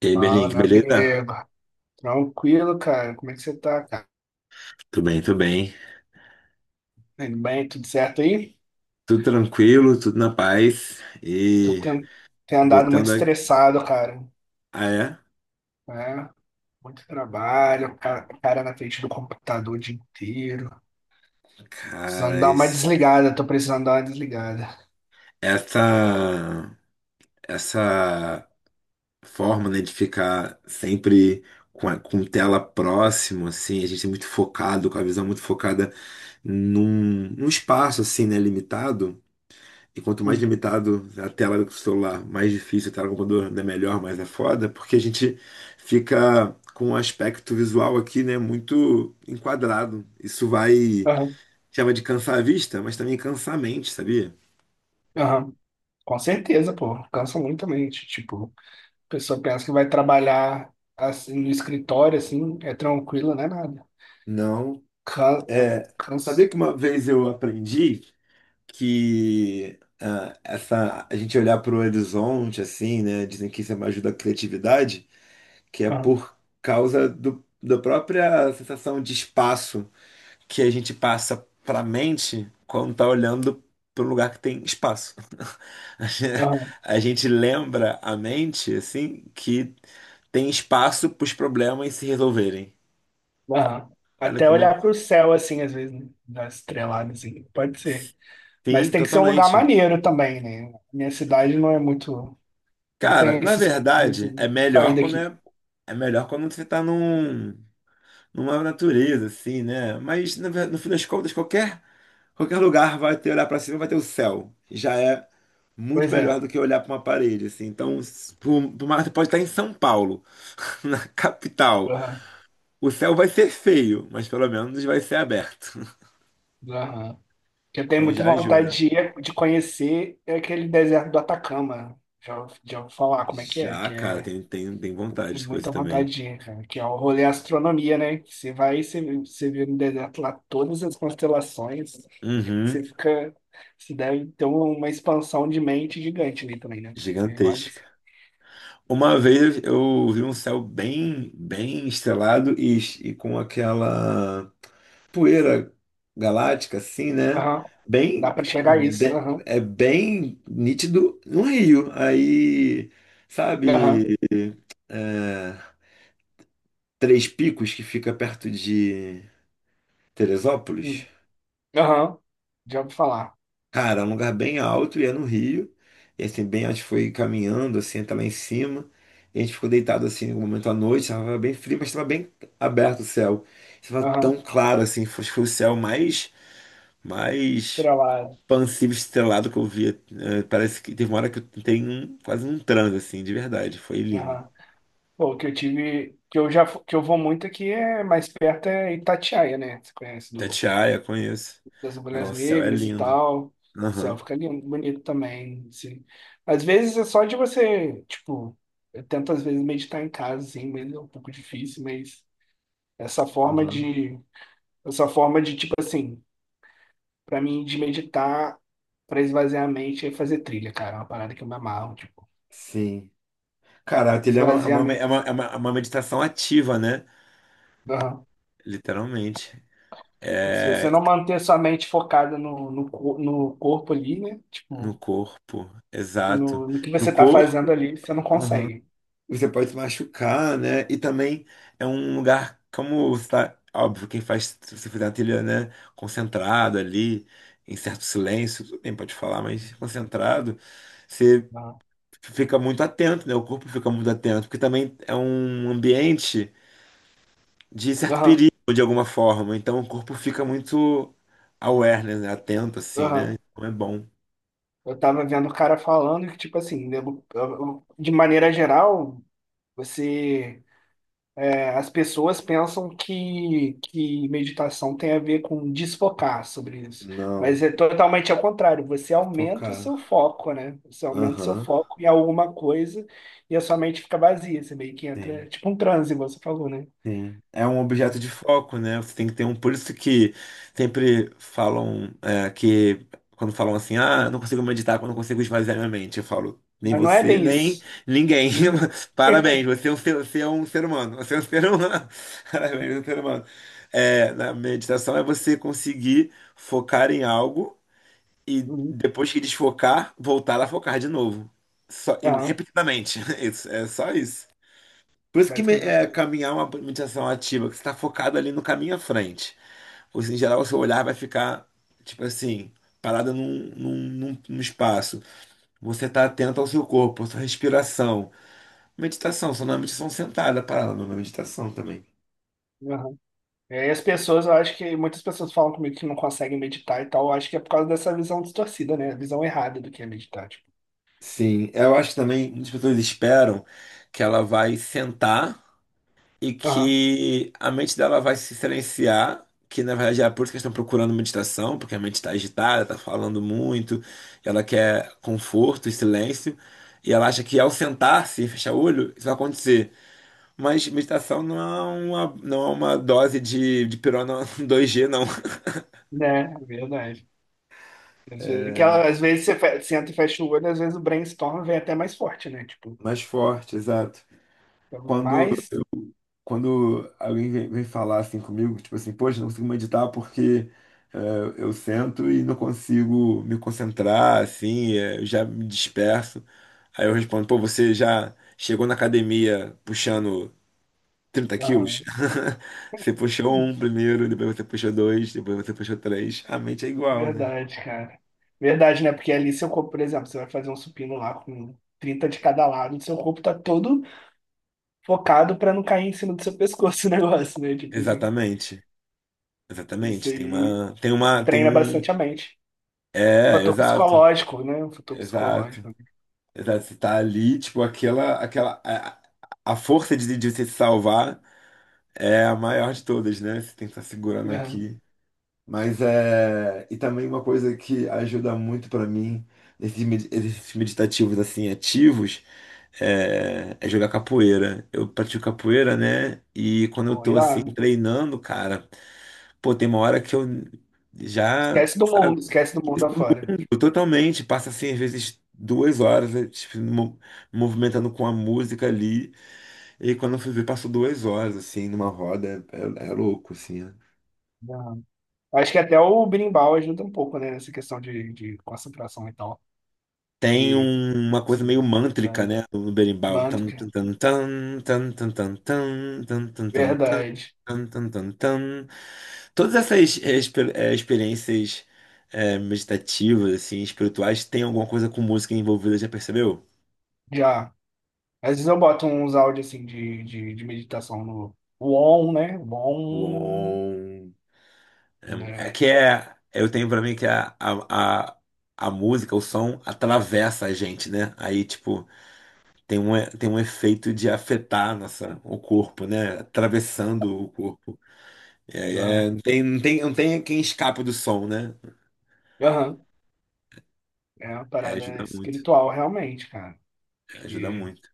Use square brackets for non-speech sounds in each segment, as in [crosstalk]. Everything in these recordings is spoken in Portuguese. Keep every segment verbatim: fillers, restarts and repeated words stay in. E aí, Fala, Belink, meu beleza? amigo. Tranquilo, cara. Como é que você tá, cara? Tudo bem, tudo bem. Tudo bem? Tudo certo aí? Tudo tranquilo, tudo na paz. Tô E ten- Tenho andado muito botando a... estressado, cara. Ah, é? Né? Muito trabalho, ca- cara na frente do computador o dia inteiro. Precisando Cara, dar uma isso- desligada, tô precisando dar uma desligada. essa... essa forma, né, de ficar sempre com, a- com tela próximo, assim, a gente é muito focado, com a visão muito focada num, num espaço, assim, né, limitado. E quanto mais Uhum. limitado a tela do celular, mais difícil a tela do computador, ainda melhor, mas é foda, porque a gente fica com um aspecto visual aqui, né, muito enquadrado. Isso vai, Aham, chama de cansar a vista, mas também cansar a mente, sabia? aham. Com certeza, pô, cansa muito a mente. Tipo, a pessoa pensa que vai trabalhar assim no escritório, assim, é tranquilo, não é nada. Não. Cansa, É, sabia cansa. que uma vez eu aprendi que ah, essa, a gente olhar para o horizonte, assim, né, dizem que isso é uma ajuda a criatividade, que é Aham, por causa do, da própria sensação de espaço que a gente passa para a mente quando tá olhando para um lugar que tem espaço. [laughs] A gen- aham, a gente lembra a mente, assim, que tem espaço para os problemas se resolverem. aham. Olha Até que olhar louco. pro céu, assim, às vezes, né? Dar estrelada, assim, pode ser. Mas Sim, tem que ser um lugar totalmente. maneiro também, né? Minha cidade não é muito. Não Cara, tem na esses, esse verdade, é sair melhor quando daqui. é, é melhor quando você tá num, numa natureza, assim, né? Mas, na ver- no fim das contas, qualquer Qualquer lugar vai ter olhar para cima, vai ter o céu. Já é muito Pois melhor é. do que olhar para uma parede, assim. Então, s- por, por mais- você pode estar em São Paulo, [laughs] na capital. Aham, O céu vai ser feio, mas pelo menos vai ser aberto. [laughs] aham. Eu tenho Então muita já ajuda. vontade de, ir- de conhecer é aquele deserto do Atacama. Já, ouvi- já ouvi falar como é que é, Já, que cara, é. tem, tem, tem vontade Tenho de coisa muita também. vontade de ir, cara, que é o rolê astronomia, né? Que você vai e você, você vê no deserto lá todas as constelações. Você Uhum, fica. Você deve ter um, uma expansão de mente gigante ali também, né? Porque você olha assim. gigantesca. Uma vez eu vi um céu bem, bem estrelado e, e com aquela poeira galáctica, assim, né? Aham. Dá Bem, pra chegar a isso. be- Aham. é bem nítido no Rio. Aí, Aham. sabe, é, Três Picos, que fica perto de Teresópolis? Hum, aham. Já ouvi falar. Cara, é um lugar bem alto e é no Rio. E assim, bem, a gente foi caminhando, assim, até lá em cima. E a gente ficou deitado, assim, no momento à noite. Estava bem frio, mas estava bem aberto o céu. Estava Aham. tão claro, assim. Foi, foi o céu mais, mais Pra lá. pancílio estrelado que eu via. eh, parece que teve uma hora que eu tenho um- quase um transe, assim, de verdade. Foi lindo. Aham. Bom, que eu tive, que eu já, fu- que eu vou muito aqui é mais perto é Itatiaia, né? Você conhece do, Tatiaia, conheço. das Não, Mulheres o céu é Negras e lindo. tal. Céu Aham. fica lindo, bonito também, assim. Às vezes é só de você, tipo, eu tento às vezes meditar em casa, assim, mas é um pouco difícil, mas essa forma Aham. de, essa forma de, tipo assim, pra mim de meditar, pra esvaziar a mente é fazer trilha, cara, é uma parada que eu me amarro, tipo, Sim. Cara, aquilo é uma, é esvaziar a uma, é mente. uma, é uma é uma meditação ativa, né? Literalmente. Tipo, se você É, não manter sua mente focada no, no, co- no corpo ali, né? no Tipo, corpo, exato. no, no que No você tá fazendo corpo. ali, você não Aham. consegue. Você pode se machucar, né? E também é um lugar como você tá, óbvio, quem faz, se você fizer uma trilha, né, concentrado ali, em certo silêncio, tudo bem, pode falar, mas concentrado, você Aham, fica muito atento, né? O corpo fica muito atento, porque também é um ambiente de certo aham, perigo de alguma forma, então o corpo fica muito aware né? Atento assim, né? aham. Então é bom. Eu tava vendo o cara falando que, tipo assim, né, eu- eu- de maneira geral, você... As pessoas pensam que, que meditação tem a ver com desfocar sobre isso, mas Não, é totalmente ao contrário. Você aumenta o focar. seu foco, né? Você aumenta o seu Aham. foco em alguma coisa e a sua mente fica vazia. Você meio que entra, é Sim. tipo um transe, você falou, né? Sim, é um objeto de foco, né? Você tem que ter um. Por isso que sempre falam é, que quando falam assim, ah, eu não consigo meditar quando eu consigo esvaziar minha mente, eu falo, nem Mas não é você, bem nem isso. ninguém. Ninguém. [laughs] Parabéns, você é um ser, você é um ser humano. Você é um ser humano. [laughs] Parabéns, você é um ser humano. É, na meditação é você conseguir focar em algo e Uhum. depois que desfocar, voltar a focar de novo. Só, e Aham. repetidamente. [laughs] Isso, é só isso. Por isso que me- Basicamente é, isso. caminhar é uma meditação ativa, que você está focado ali no caminho à frente. Ou seja, em geral, o seu olhar vai ficar, tipo assim, parado num, num, num- num espaço. Você está atento ao seu corpo, à sua respiração. Meditação, só não é meditação sentada, é parada, não é meditação também. Aham. É, e as pessoas, eu acho que muitas pessoas falam comigo que não conseguem meditar e tal. Eu acho que é por causa dessa visão distorcida, né? A visão errada do que é meditar, tipo. Sim, eu acho que também muitas pessoas esperam que ela vai sentar. E Aham. que a mente dela vai se silenciar, que na verdade é por isso que eles estão procurando meditação, porque a mente está agitada, está falando muito, ela quer conforto e silêncio, e ela acha que ao sentar-se e fechar o olho, isso vai acontecer. Mas meditação não é uma, não é uma dose de, de pirona [laughs] dois g não. É, é verdade. Às vezes, que ela- às vezes você fe- senta e fecha o olho, às vezes o brainstorm vem até mais forte, né? Tipo, Mais forte, exato. então, Quando mais. quando alguém vem, vem, falar assim comigo, tipo assim, poxa, não consigo meditar porque é, eu sento e não consigo me concentrar, assim, é, eu já me disperso. Aí eu respondo, pô, você já chegou na academia puxando trinta quilos? Aham. [laughs] Você puxou um primeiro, depois você puxou dois, depois você puxou três. A mente é igual, né? Verdade, cara. Verdade, né? Porque ali seu corpo, por exemplo, você vai fazer um supino lá com trinta de cada lado, seu corpo tá todo focado pra não cair em cima do seu pescoço [laughs] o negócio, né? Tipo assim, Exatamente. isso Exatamente. Tem aí uma, tem uma, tem treina um. bastante a mente. É, Fator exato. psicológico, né? Um fator Exato. psicológico. Exato, Você tá ali, tipo, aquela, aquela, a, a força de, de você se salvar é a maior de todas, né? Você tem que estar segurando Aham. aqui. Mas é, e também uma coisa que ajuda muito pra mim nesses med- exercícios meditativos assim ativos é, é jogar capoeira. Eu pratico capoeira, né? E quando eu Bom, tô assim irado. treinando, cara, pô, tem uma hora que eu já, Esquece do sabe? mundo, esquece do mundo afora. Totalmente, passa assim, às vezes duas horas, eh, tipo, mo- movimentando com a música ali, e quando eu fui ver, passou duas horas, assim, numa roda, é, é é louco, assim. Né? Acho que até o berimbau ajuda um pouco, né, nessa questão de, de concentração e tal, Tem que um- uma coisa se meio mântrica, dane. né, no berimbau. Tan, Mantra, tan, tan, tan, tan, tan, tan, tan, tan, tan, tan, tan, verdade, tan, tan, tan, tan. Todas essas eh, exper- eh, experiências eh, meditativas, assim, espirituais, tem alguma coisa com música envolvida, já percebeu? já. Às vezes eu boto uns áudios, assim, de, de, de meditação no Won, né, Won, Uom. É né, é que é, eu tenho pra mim que a, a, a, a música, o som atravessa a gente, né? Aí, tipo, tem um, e- tem um efeito de afetar nossa, o corpo, né? Atravessando o corpo. É, não. é, não tem, não tem, não tem quem escape do som, né? Aham, é uma É, parada ajuda muito, espiritual, realmente, cara, é, ajuda porque muito.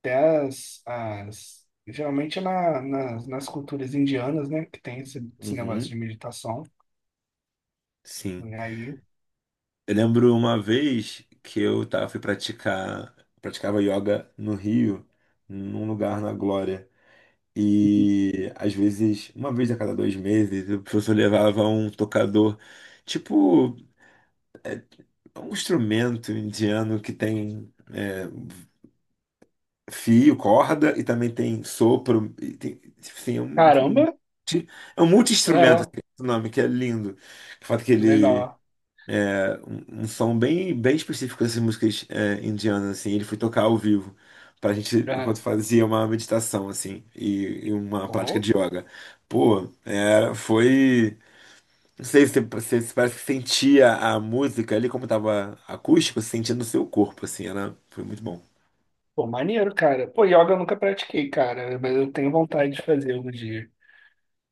até as, as geralmente na, nas, nas culturas indianas, né, que tem esse, esse negócio Uhum, de meditação, sim. e aí, Eu lembro uma vez que eu tava, fui praticar, praticava yoga no Rio, num lugar na Glória. E às vezes, uma vez a cada dois meses, o professor levava um tocador, tipo um instrumento indiano que tem é, fio, corda e também tem sopro. E tem, tipo assim, é um, um, caramba, é um multi-instrumento, é, assim, é o nome, que é lindo. O fato é que ele. legal. é, um, um som bem, bem específico dessas músicas é, indianas, assim, ele foi tocar ao vivo. Pra gente, enquanto Aham. fazia uma meditação, assim, e, e uma prática Pô, de yoga. Pô, era, foi. Não sei se você se parece que sentia a música ali, como tava acústico, você sentia no seu corpo, assim, era, foi muito bom. pô, maneiro, cara. Pô, yoga eu nunca pratiquei, cara, mas eu tenho vontade de fazer algum dia.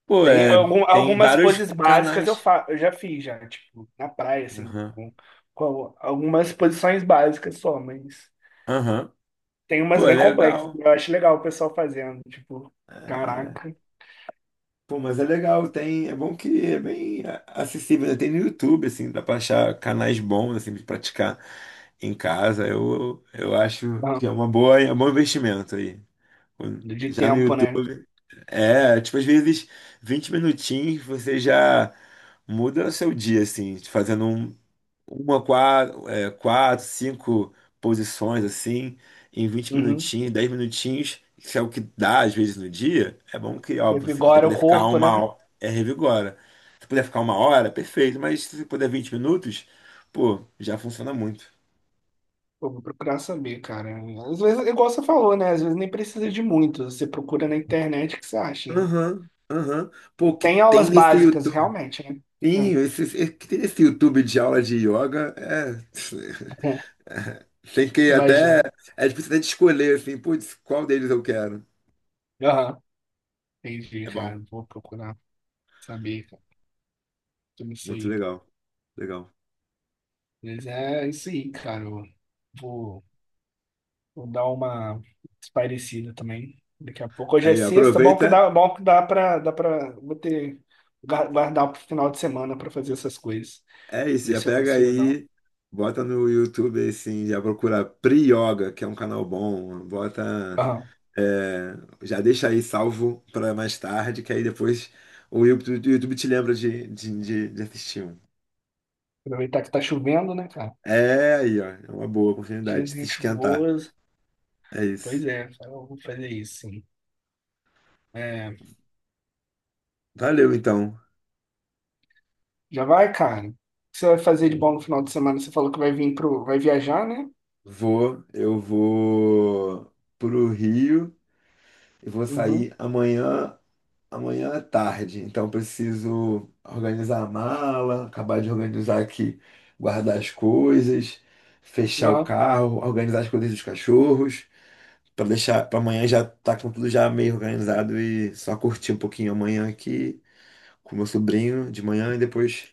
Pô, Tem é, algum- tem algumas vários poses básicas eu, canais. fa eu já fiz já, tipo, na praia, assim, Aham, com, com algumas posições básicas só, mas aham. tem umas Pô, é bem complexas. legal. Que eu acho legal o pessoal fazendo, tipo, caraca, Pô, mas é legal, tem, é bom que é bem a- acessível, né? Tem no YouTube, assim, dá pra achar canais bons, assim, de praticar em casa. Eu, eu acho ah, que é uma boa, é um bom investimento aí. de Já no tempo, YouTube. né? É, tipo, às vezes vinte minutinhos você já muda o seu dia, assim, fazendo um- uma, quatro, é, quatro, cinco posições, assim, em vinte Uhum. minutinhos, dez minutinhos, que é o que dá às vezes no dia. É bom que, óbvio, se você Revigora o puder ficar corpo, uma né? hora, é revigora. Se puder ficar uma hora, perfeito, mas se você puder vinte minutos, pô, já funciona muito. Pô, vou procurar saber, cara. Às vezes, igual você falou, né? Às vezes nem precisa de muito. Você procura na internet o que você acha, né? Aham, aham. Pô, o que Tem tem aulas nesse básicas, YouTube? realmente, né? Sim, Hum, esse, esse, que tem esse YouTube de aula de yoga, é, [laughs] [laughs] tem que até, imagino. é difícil até de escolher, assim, putz, qual deles eu quero. Aham, entendi, É cara. bom, Eu vou procurar saber, cara. Eu não muito sei. legal, legal. Mas é isso aí, cara. Eu vou, vou dar uma espairecida também. Daqui a pouco. Hoje é Aí, ó, sexta. Bom que aproveita, dá, bom que dá pra, dá pra. Vou ter. guar- Guardar pro final de semana pra fazer essas coisas. é isso, Ver já se eu pega consigo dar um- aí, bota no YouTube, assim, já procura Pri-Yoga, que é um canal bom, bota, Aham. é, já deixa aí salvo para mais tarde, que aí depois o YouTube, o YouTube te lembra de, de, de de assistir um. Aproveitar que tá chovendo, né, cara? É, aí, ó, é uma boa oportunidade de se Dias esquentar, chuvoso. é Pois isso. é, cara, eu vou fazer isso, sim. É. Valeu, então. Já vai, cara? O que você vai fazer de bom no final de semana? Você falou que vai vir pro. Vai viajar, né? Vou, eu vou pro Rio e vou Uhum. sair amanhã, amanhã à tarde. Então preciso organizar a mala, acabar de organizar aqui, guardar as coisas, fechar o Aham. carro, organizar as coisas dos cachorros, para deixar para amanhã já tá com tudo já meio organizado e só curtir um pouquinho amanhã aqui com meu sobrinho de manhã e depois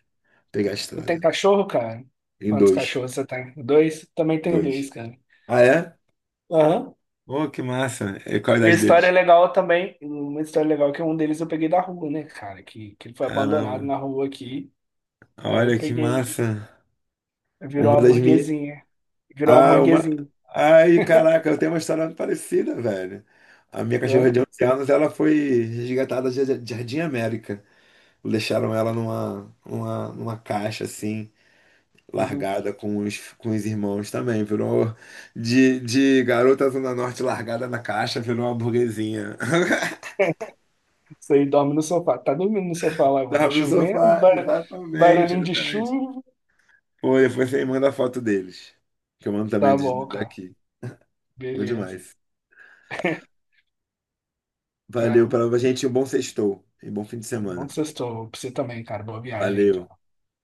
pegar a Você tem estrada. cachorro, cara? Em Quantos dois, cachorros você tem? Dois? Também tenho dois, dois. cara. Ah, é? Aham. Oh, que massa. E qual a E a idade história é deles? legal também. Uma história legal é que um deles eu peguei da rua, né, cara? Que, que ele foi abandonado Caramba, na rua aqui. Aí eu olha que peguei. massa. Virou Uma uma das minhas. burguesinha. Virou uma Ah, uma. burguesinha. Ai, caraca, eu tenho uma história parecida, velho. A minha Né? cachorra de onze anos, ela foi resgatada de de Jardim América. Deixaram ela numa, numa, numa caixa, assim, Uhum. largada com os, com os irmãos também. Virou de, de garota Zona Norte largada na caixa, virou uma burguesinha. [laughs] [laughs] Isso aí dorme no sofá. Tá dormindo no sofá lá agora. Dava no Chovendo, sofá, bar... exatamente, barulhinho de exatamente. chuva. Foi, depois você manda a foto deles, que eu mando também Tá dos- bom, cara. daqui. Bom Beleza. demais. [laughs] Cara, Valeu, um para a gente. Um bom sextou e um bom fim de bom semana. sextou pra você também, cara. Boa viagem, Valeu. então.